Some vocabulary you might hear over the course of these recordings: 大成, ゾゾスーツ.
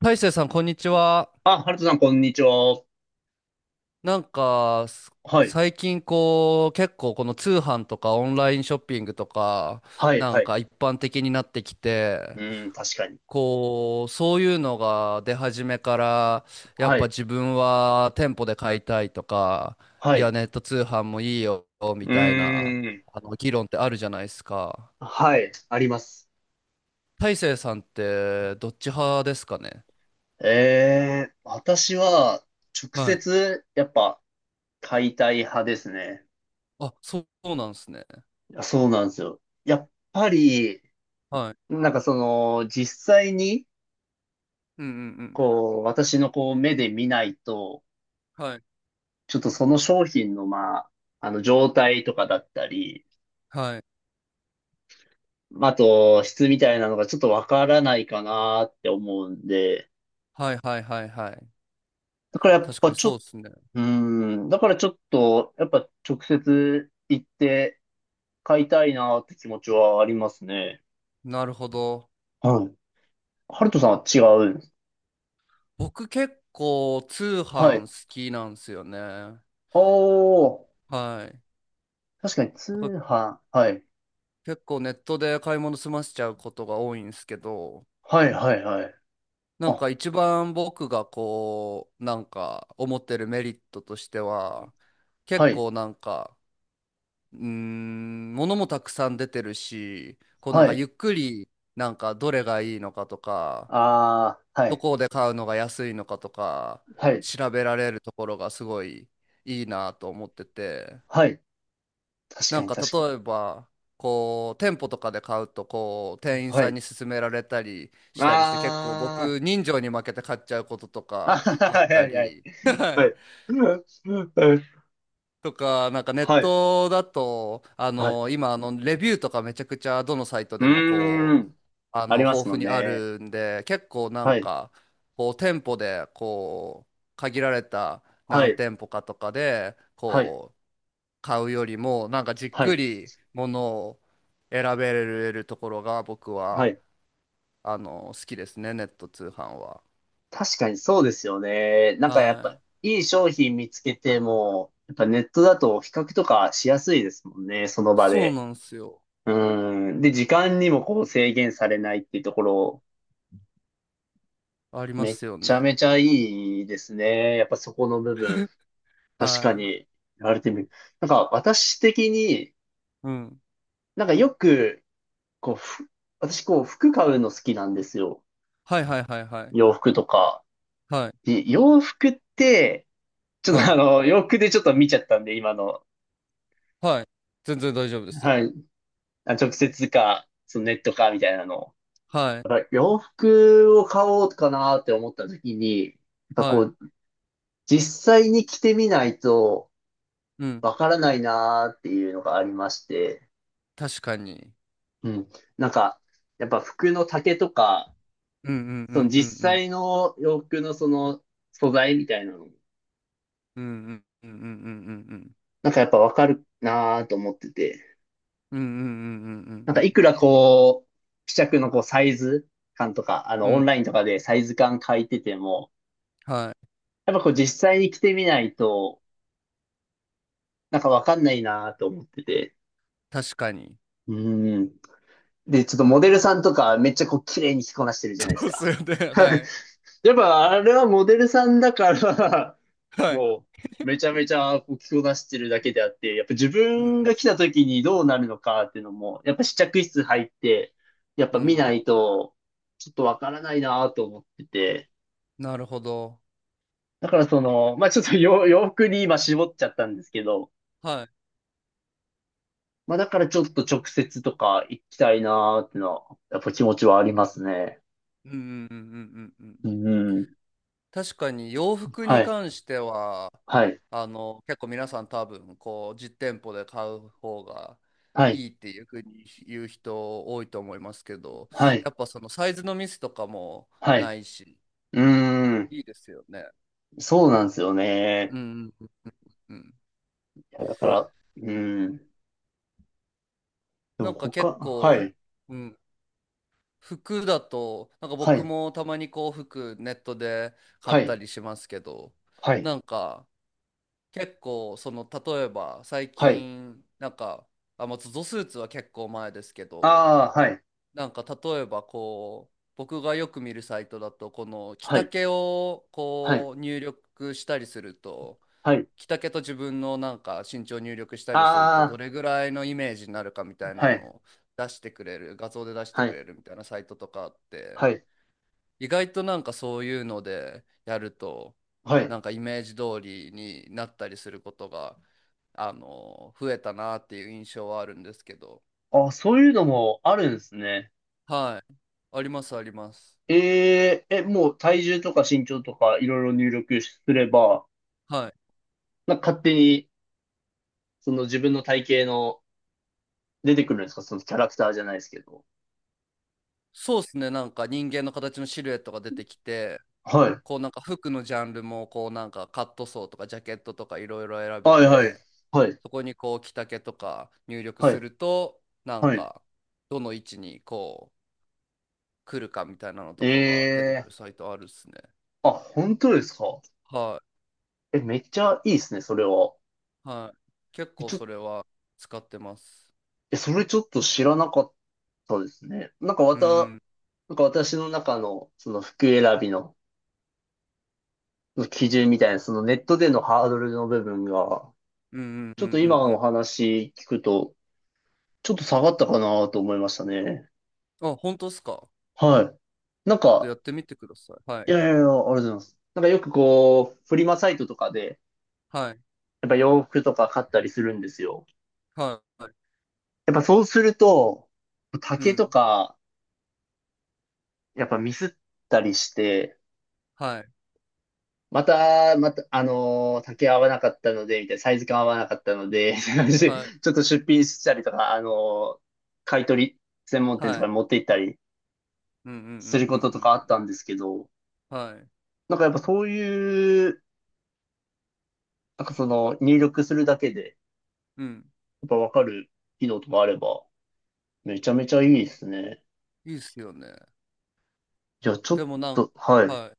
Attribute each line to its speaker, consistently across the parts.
Speaker 1: 大成さん、こんにちは。
Speaker 2: あ、ハルトさん、こんにちは。
Speaker 1: なんか、す
Speaker 2: はい。
Speaker 1: 最近こう、結構この通販とかオンラインショッピングとか、
Speaker 2: はい、
Speaker 1: な
Speaker 2: は
Speaker 1: ん
Speaker 2: い。
Speaker 1: か一般的になってき
Speaker 2: う
Speaker 1: て、
Speaker 2: ーん、確かに。
Speaker 1: こう、そういうのが出始めから、やっ
Speaker 2: は
Speaker 1: ぱ
Speaker 2: い、
Speaker 1: 自分は店舗で買いたいとか、
Speaker 2: は
Speaker 1: いや、
Speaker 2: い。
Speaker 1: ネット通販もいいよ、
Speaker 2: う
Speaker 1: み
Speaker 2: ー
Speaker 1: たいな、
Speaker 2: ん、
Speaker 1: 議論ってあるじゃないですか。
Speaker 2: はい、あります。
Speaker 1: 大成さんって、どっち派ですかね？
Speaker 2: 私は、直
Speaker 1: はい。
Speaker 2: 接、やっぱ、解体派ですね。
Speaker 1: あ、そうそうなんですね。
Speaker 2: いやそうなんですよ。やっぱり、
Speaker 1: はい。
Speaker 2: 実際に、
Speaker 1: うん。
Speaker 2: こう、私のこう、目で見ないと、
Speaker 1: はい。
Speaker 2: ちょっとその商品の、まあ、あの、状態とかだったり、
Speaker 1: はい
Speaker 2: まああと、質みたいなのがちょっとわからないかなって思うんで、
Speaker 1: はい。
Speaker 2: だからやっ
Speaker 1: 確か
Speaker 2: ぱ
Speaker 1: に
Speaker 2: ちょっ、
Speaker 1: そうですね。
Speaker 2: だからちょっと、やっぱ直接行って買いたいなって気持ちはありますね。
Speaker 1: なるほど。
Speaker 2: はい。ハルトさんは違うんです。
Speaker 1: 僕結構通
Speaker 2: は
Speaker 1: 販
Speaker 2: い。
Speaker 1: 好きなんですよね。
Speaker 2: おー、
Speaker 1: はい。
Speaker 2: 確かに通
Speaker 1: だから
Speaker 2: 販。はい。
Speaker 1: 結構ネットで買い物済ませちゃうことが多いんですけど、
Speaker 2: はいはいはい。
Speaker 1: なん
Speaker 2: あ、
Speaker 1: か一番僕がこう、なんか思ってるメリットとしては、結
Speaker 2: はい。
Speaker 1: 構なんか、物もたくさん出てるし、こうなん
Speaker 2: は
Speaker 1: か
Speaker 2: い。
Speaker 1: ゆっくりなんかどれがいいのかとか、
Speaker 2: あー、は
Speaker 1: ど
Speaker 2: い。
Speaker 1: こで買うのが安いのかとか
Speaker 2: はい。
Speaker 1: 調べられるところがすごいいいなと思ってて、
Speaker 2: はい。確
Speaker 1: な
Speaker 2: か
Speaker 1: ん
Speaker 2: に
Speaker 1: か
Speaker 2: 確か
Speaker 1: 例えばこう店舗とかで買うと、こう
Speaker 2: に。
Speaker 1: 店員
Speaker 2: は
Speaker 1: さん
Speaker 2: い。
Speaker 1: に勧められたりしたりして、結構
Speaker 2: あー、
Speaker 1: 僕人情に負けて買っちゃうことと
Speaker 2: あ
Speaker 1: か
Speaker 2: はいは
Speaker 1: あ
Speaker 2: は
Speaker 1: った
Speaker 2: いはい。
Speaker 1: り は
Speaker 2: は
Speaker 1: い、
Speaker 2: い。はい。
Speaker 1: とか、なんかネッ
Speaker 2: はい。
Speaker 1: トだと、
Speaker 2: はい。
Speaker 1: 今、レビューとかめちゃくちゃどのサイト
Speaker 2: う
Speaker 1: でも
Speaker 2: ー
Speaker 1: こう、
Speaker 2: ん。あります
Speaker 1: 豊
Speaker 2: も
Speaker 1: 富
Speaker 2: ん
Speaker 1: にあ
Speaker 2: ね。
Speaker 1: るんで、結構なん
Speaker 2: はい。
Speaker 1: か、こう、店舗で、こう、限られた
Speaker 2: は
Speaker 1: 何
Speaker 2: い、
Speaker 1: 店舗かとかで、
Speaker 2: はい、
Speaker 1: こう、買うよりも、なんかじっ
Speaker 2: は
Speaker 1: く
Speaker 2: い、
Speaker 1: りものを選べるところが僕
Speaker 2: は
Speaker 1: は、
Speaker 2: い。
Speaker 1: 好きですね、ネット通販は。
Speaker 2: 確かにそうですよね。なんかやっ
Speaker 1: は
Speaker 2: ぱ、
Speaker 1: い。
Speaker 2: いい商品見つけても、やっぱネットだと比較とかしやすいですもんね、その場
Speaker 1: そう
Speaker 2: で。
Speaker 1: なんですよ。
Speaker 2: うん。で、時間にもこう制限されないっていうところ、
Speaker 1: ありま
Speaker 2: めっ
Speaker 1: すよ
Speaker 2: ちゃ
Speaker 1: ね。
Speaker 2: めちゃいいですね。やっぱそこの部分。確
Speaker 1: は
Speaker 2: か
Speaker 1: い。
Speaker 2: に、言われてみる。なんか私的に、
Speaker 1: うん。
Speaker 2: なんかよく、こう、ふ私こう服買うの好きなんですよ。
Speaker 1: はい。
Speaker 2: 洋服とか。
Speaker 1: はい、
Speaker 2: で洋服って、ちょっ
Speaker 1: は
Speaker 2: とあ
Speaker 1: い、
Speaker 2: の、洋服でちょっと見ちゃったんで、今の。
Speaker 1: はい。全然大丈夫ですよ。
Speaker 2: はい。あ、直接か、そのネットか、みたいなのを。
Speaker 1: はい、
Speaker 2: やっぱ洋服を買おうかなって思った時に、やっぱ
Speaker 1: は
Speaker 2: こ
Speaker 1: い。
Speaker 2: う、実際に着てみないと
Speaker 1: うん。
Speaker 2: わからないなっていうのがありまして、
Speaker 1: 確かに。
Speaker 2: うん。なんか、やっぱ服の丈とか、
Speaker 1: うんうんう
Speaker 2: そ
Speaker 1: ん
Speaker 2: の実
Speaker 1: うん
Speaker 2: 際の洋服のその素材みたいなの、
Speaker 1: うんうんうんうんうんうんうん
Speaker 2: なんかやっぱわかるなと思ってて。
Speaker 1: うんうんうんうん
Speaker 2: な
Speaker 1: う
Speaker 2: ん
Speaker 1: んう
Speaker 2: かい
Speaker 1: ん
Speaker 2: くらこう、試着のこうサイズ感とか、あ
Speaker 1: う
Speaker 2: のオン
Speaker 1: ん
Speaker 2: ラインとかでサイズ感書いてても、
Speaker 1: はい。
Speaker 2: やっぱこう実際に着てみないと、なんかわかんないなと思ってて。
Speaker 1: 確かに。
Speaker 2: うん。で、ちょっとモデルさんとかめっちゃこう綺麗に着こなしてるじゃないです
Speaker 1: そうっす
Speaker 2: か。
Speaker 1: よね。は い。
Speaker 2: やっぱあれはモデルさんだから
Speaker 1: はい。
Speaker 2: もう、めちゃめちゃこう着こなしてるだけであって、やっぱ自
Speaker 1: う
Speaker 2: 分
Speaker 1: ん
Speaker 2: が来た時にどうなるのかっていうのも、やっぱ試着室入って、やっ
Speaker 1: う
Speaker 2: ぱ
Speaker 1: んう
Speaker 2: 見な
Speaker 1: ん。
Speaker 2: いと、ちょっとわからないなと思ってて。
Speaker 1: なるほど。
Speaker 2: だからその、まあちょっと洋 洋服に今絞っちゃったんですけど、
Speaker 1: はい。
Speaker 2: まあだからちょっと直接とか行きたいなーっていうのは、やっぱ気持ちはありますね。
Speaker 1: うん。
Speaker 2: うん。
Speaker 1: 確かに洋服
Speaker 2: は
Speaker 1: に
Speaker 2: い。
Speaker 1: 関しては、
Speaker 2: はい。
Speaker 1: 結構皆さん多分、こう、実店舗で買う方が
Speaker 2: はい。
Speaker 1: いいっていうふうに言う人多いと思いますけど、
Speaker 2: はい。
Speaker 1: やっぱそのサイズのミスとかも
Speaker 2: は
Speaker 1: な
Speaker 2: い。
Speaker 1: いし、
Speaker 2: うーん。
Speaker 1: いいですよね。
Speaker 2: そうなんですよね。
Speaker 1: うんうんうん。
Speaker 2: いやだから、うん。で
Speaker 1: な
Speaker 2: も
Speaker 1: んか結
Speaker 2: 他、は
Speaker 1: 構、
Speaker 2: い、
Speaker 1: うん、服だと、なんか
Speaker 2: は
Speaker 1: 僕
Speaker 2: い、
Speaker 1: もたまにこう、服ネットで買
Speaker 2: は
Speaker 1: った
Speaker 2: い、
Speaker 1: りしますけど、
Speaker 2: はい、
Speaker 1: なんか、結構その例えば最
Speaker 2: はい。
Speaker 1: 近なんか、あ、まあ、ゾゾスーツは結構前ですけど、
Speaker 2: ああ、はい、
Speaker 1: なんか例えばこう僕がよく見るサイトだと、この着
Speaker 2: はい、
Speaker 1: 丈を
Speaker 2: はい、
Speaker 1: こう入力したりすると、
Speaker 2: はい。
Speaker 1: 着丈と自分のなんか身長を入力したりすると、ど
Speaker 2: あ
Speaker 1: れぐらいのイメージになるかみたい
Speaker 2: あ、
Speaker 1: な
Speaker 2: はい、
Speaker 1: のを出してくれる、画像で出して
Speaker 2: は
Speaker 1: く
Speaker 2: い、
Speaker 1: れるみたいなサイトとかあって。
Speaker 2: はい、
Speaker 1: 意外となんかそういうのでやると、
Speaker 2: は
Speaker 1: な
Speaker 2: い。
Speaker 1: んかイメージ通りになったりすることが、増えたなっていう印象はあるんですけど。
Speaker 2: あ、そういうのもあるんですね。
Speaker 1: はい。ありますあります。
Speaker 2: もう体重とか身長とかいろいろ入力すれば、
Speaker 1: はい。
Speaker 2: なんか勝手に、その自分の体型の出てくるんですかそのキャラクターじゃないですけど。
Speaker 1: そうですね、なんか人間の形のシルエットが出てきて、
Speaker 2: はい。
Speaker 1: こうなんか服のジャンルもこうなんかカットソーとかジャケットとかいろいろ選べ
Speaker 2: はい、はい、
Speaker 1: て、
Speaker 2: はい、
Speaker 1: そこにこう着丈とか入力
Speaker 2: は
Speaker 1: す
Speaker 2: い、
Speaker 1: ると、なん
Speaker 2: はい。
Speaker 1: かどの位置にこう来るかみたいなのとかが出てく
Speaker 2: ええ
Speaker 1: るサイトあるっすね。
Speaker 2: ー、あ、本当ですか
Speaker 1: は
Speaker 2: え、めっちゃいいですね、それは。
Speaker 1: はい。結構
Speaker 2: ちょっ
Speaker 1: それは使ってます。
Speaker 2: え、それちょっと知らなかったですね。なんかわ
Speaker 1: う
Speaker 2: た、
Speaker 1: ん、
Speaker 2: なんか私の中のその服選びの基準みたいな、そのネットでのハードルの部分が、
Speaker 1: うん、うん、
Speaker 2: ち
Speaker 1: うん、うん。う
Speaker 2: ょっと今
Speaker 1: んう
Speaker 2: のお
Speaker 1: ん
Speaker 2: 話聞くと、ちょっと下がったかなと思いましたね。
Speaker 1: あ、本当ですか？ちょ
Speaker 2: はい。なん
Speaker 1: っと
Speaker 2: か、
Speaker 1: やってみてください。は
Speaker 2: いや
Speaker 1: い、
Speaker 2: いやいや、ありがとうございます。なんかよくこう、フリマサイトとかで、
Speaker 1: はい、
Speaker 2: やっぱ洋服とか買ったりするんですよ。
Speaker 1: はい
Speaker 2: やっぱそうすると、
Speaker 1: う
Speaker 2: 丈と
Speaker 1: ん、
Speaker 2: か、やっぱミスったりして、
Speaker 1: はい、
Speaker 2: また、あのー竹合わなかったので、みたいな、サイズ感合わなかったので、みたいな感じでち
Speaker 1: はい、
Speaker 2: ょっと出品したりとか、あのー買い取り専門店と
Speaker 1: は
Speaker 2: か
Speaker 1: い、
Speaker 2: に持って行ったり
Speaker 1: うん、うん、うん、うん、う
Speaker 2: することとかあっ
Speaker 1: ん。
Speaker 2: たんですけど、
Speaker 1: はい、
Speaker 2: なんかやっぱそういう、なんかその入力するだけで、
Speaker 1: うん。
Speaker 2: やっぱわかる機能とかあれば、めちゃめちゃいいですね。
Speaker 1: いいっすよね。
Speaker 2: いや、ちょっ
Speaker 1: でもなん
Speaker 2: と、は
Speaker 1: か、
Speaker 2: い。
Speaker 1: はい。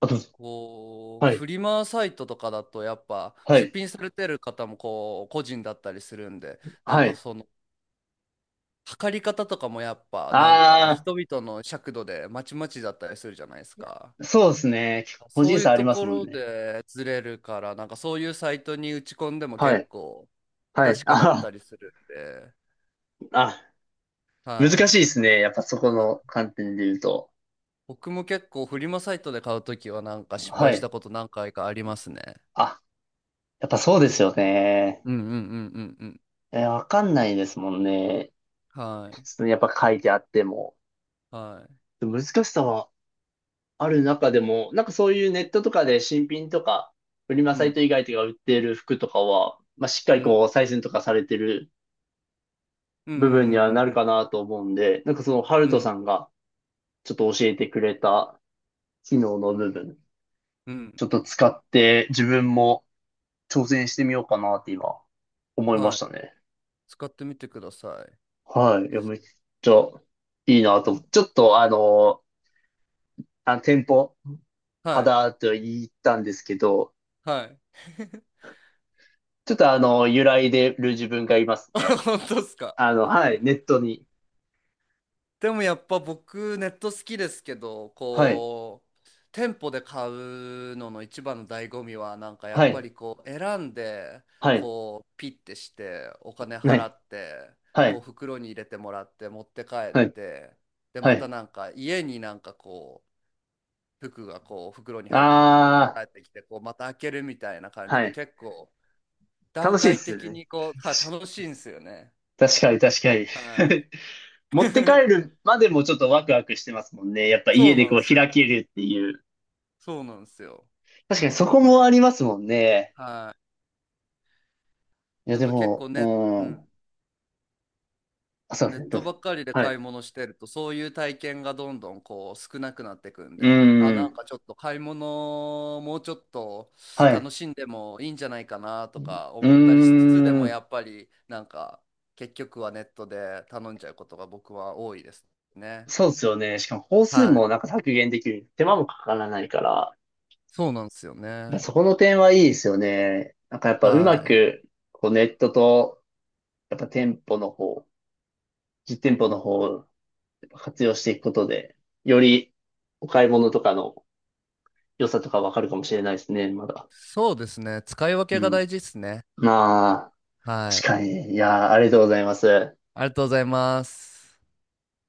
Speaker 2: あ、どうぞ。
Speaker 1: こう、
Speaker 2: は
Speaker 1: フ
Speaker 2: い。
Speaker 1: リマサイトとかだと、やっぱ、
Speaker 2: は
Speaker 1: 出
Speaker 2: い。
Speaker 1: 品されてる方も、こう、個人だったりするんで、なん
Speaker 2: は
Speaker 1: か
Speaker 2: い。
Speaker 1: その、測り方とかもやっぱなんか
Speaker 2: あ
Speaker 1: 人々の尺度でまちまちだったりするじゃないですか。
Speaker 2: あ、そうですね。個
Speaker 1: そ
Speaker 2: 人
Speaker 1: うい
Speaker 2: 差
Speaker 1: う
Speaker 2: あり
Speaker 1: と
Speaker 2: ます
Speaker 1: こ
Speaker 2: もん
Speaker 1: ろ
Speaker 2: ね。
Speaker 1: でずれるから、なんかそういうサイトに打ち込んでも
Speaker 2: は
Speaker 1: 結
Speaker 2: い。
Speaker 1: 構不
Speaker 2: はい。
Speaker 1: 確かだった
Speaker 2: あ
Speaker 1: りするんで、
Speaker 2: あ。あ難
Speaker 1: は
Speaker 2: しい
Speaker 1: い。
Speaker 2: ですね。やっぱそこ
Speaker 1: は
Speaker 2: の
Speaker 1: い。
Speaker 2: 観点で言うと。
Speaker 1: 僕も結構フリマサイトで買うときはなんか失
Speaker 2: は
Speaker 1: 敗し
Speaker 2: い。
Speaker 1: たこと何回かありますね。
Speaker 2: あ、やっぱそうですよね。
Speaker 1: うん。
Speaker 2: えー、わかんないですもんね。
Speaker 1: は
Speaker 2: 普
Speaker 1: い。
Speaker 2: 通やっぱ書いてあっても。
Speaker 1: はい。
Speaker 2: 難しさはある中でも、なんかそういうネットとかで新品とか、フリマ
Speaker 1: う
Speaker 2: サイ
Speaker 1: ん
Speaker 2: ト以外とか売っている服とかは、まあ、しっか
Speaker 1: う
Speaker 2: り
Speaker 1: ん
Speaker 2: こう、採寸とかされてる
Speaker 1: うんうん
Speaker 2: 部
Speaker 1: う
Speaker 2: 分にはなる
Speaker 1: ん
Speaker 2: かなと思うんで、なんかその、ハル
Speaker 1: う
Speaker 2: ト
Speaker 1: ん
Speaker 2: さんがちょっと教えてくれた機能の部分、
Speaker 1: うん。
Speaker 2: ちょっと使って自分も挑戦してみようかなって今、思いま
Speaker 1: は
Speaker 2: し
Speaker 1: い。
Speaker 2: たね。
Speaker 1: 使ってみてください。
Speaker 2: はい。いや、めっちゃいいなと思って。ちょっとあの、あの店舗、
Speaker 1: はい。
Speaker 2: 肌と言ったんですけど、
Speaker 1: はい。
Speaker 2: ちょっとあの、揺らいでる自分がいますね。
Speaker 1: 本当ですか？
Speaker 2: あの、はい、ネットに。
Speaker 1: でもやっぱ僕ネット好きですけど、
Speaker 2: はい、
Speaker 1: こう、店舗で買うのの一番の醍醐味は、なんかや
Speaker 2: は
Speaker 1: っぱ
Speaker 2: い、
Speaker 1: りこう、選んで、
Speaker 2: はい、
Speaker 1: こう、ピッてして、お金
Speaker 2: は
Speaker 1: 払
Speaker 2: い、
Speaker 1: って、
Speaker 2: は
Speaker 1: こう、
Speaker 2: い、
Speaker 1: 袋に入れてもらって、持って帰っ
Speaker 2: はい、
Speaker 1: て、で、
Speaker 2: は
Speaker 1: また
Speaker 2: い。
Speaker 1: なんか家になんかこう、服がこう、袋に入った服持って
Speaker 2: あ
Speaker 1: 帰ってきて、こう、また開けるみたいな感
Speaker 2: ー、
Speaker 1: じ
Speaker 2: は
Speaker 1: で、
Speaker 2: い。
Speaker 1: 結構段
Speaker 2: 楽しいで
Speaker 1: 階
Speaker 2: すよ
Speaker 1: 的
Speaker 2: ね。
Speaker 1: にこう、は楽しいんですよね。
Speaker 2: 確かに、確かに。
Speaker 1: は い。
Speaker 2: 持って帰 るまでもちょっとワクワクしてますもんね。やっぱ
Speaker 1: そ
Speaker 2: 家
Speaker 1: う
Speaker 2: で
Speaker 1: なん
Speaker 2: こ
Speaker 1: で
Speaker 2: う
Speaker 1: す
Speaker 2: 開
Speaker 1: よ。
Speaker 2: けるっていう。
Speaker 1: そうなんですよ。
Speaker 2: 確かにそこもありますもんね。
Speaker 1: は
Speaker 2: い
Speaker 1: い。
Speaker 2: や、
Speaker 1: なん
Speaker 2: で
Speaker 1: か結構
Speaker 2: も、
Speaker 1: ね、う
Speaker 2: うん。
Speaker 1: ん、
Speaker 2: あ、そうで
Speaker 1: ネ
Speaker 2: すね、
Speaker 1: ッ
Speaker 2: どう
Speaker 1: トば
Speaker 2: ぞ。
Speaker 1: っかりで
Speaker 2: はい。
Speaker 1: 買い物してると、そういう体験がどんどんこう少なくなってくん
Speaker 2: う
Speaker 1: で、あ、な
Speaker 2: ん。
Speaker 1: んかちょっと買い物もうちょっと
Speaker 2: はい。
Speaker 1: 楽しんでもいいんじゃないかなとか
Speaker 2: うー
Speaker 1: 思ったりしつつ、でもや
Speaker 2: ん。
Speaker 1: っぱりなんか結局はネットで頼んじゃうことが僕は多いですね。
Speaker 2: そうですよね。しかも、本数
Speaker 1: は
Speaker 2: も
Speaker 1: い。
Speaker 2: なんか削減できる。手間もかからないから。
Speaker 1: そうなんですよ
Speaker 2: やっぱ
Speaker 1: ね。
Speaker 2: そこの点はいいですよね。なんかやっぱう
Speaker 1: は
Speaker 2: ま
Speaker 1: い。
Speaker 2: く、こうネットと、やっぱ店舗の方、実店舗の方をやっぱ活用していくことで、よりお買い物とかの良さとかわかるかもしれないですね、まだ。
Speaker 1: そうですね、使い分けが
Speaker 2: うん。
Speaker 1: 大事ですね。
Speaker 2: まあ。
Speaker 1: は
Speaker 2: 確
Speaker 1: い。
Speaker 2: かに。いやー、ありがとうございます。
Speaker 1: ありがとうございます。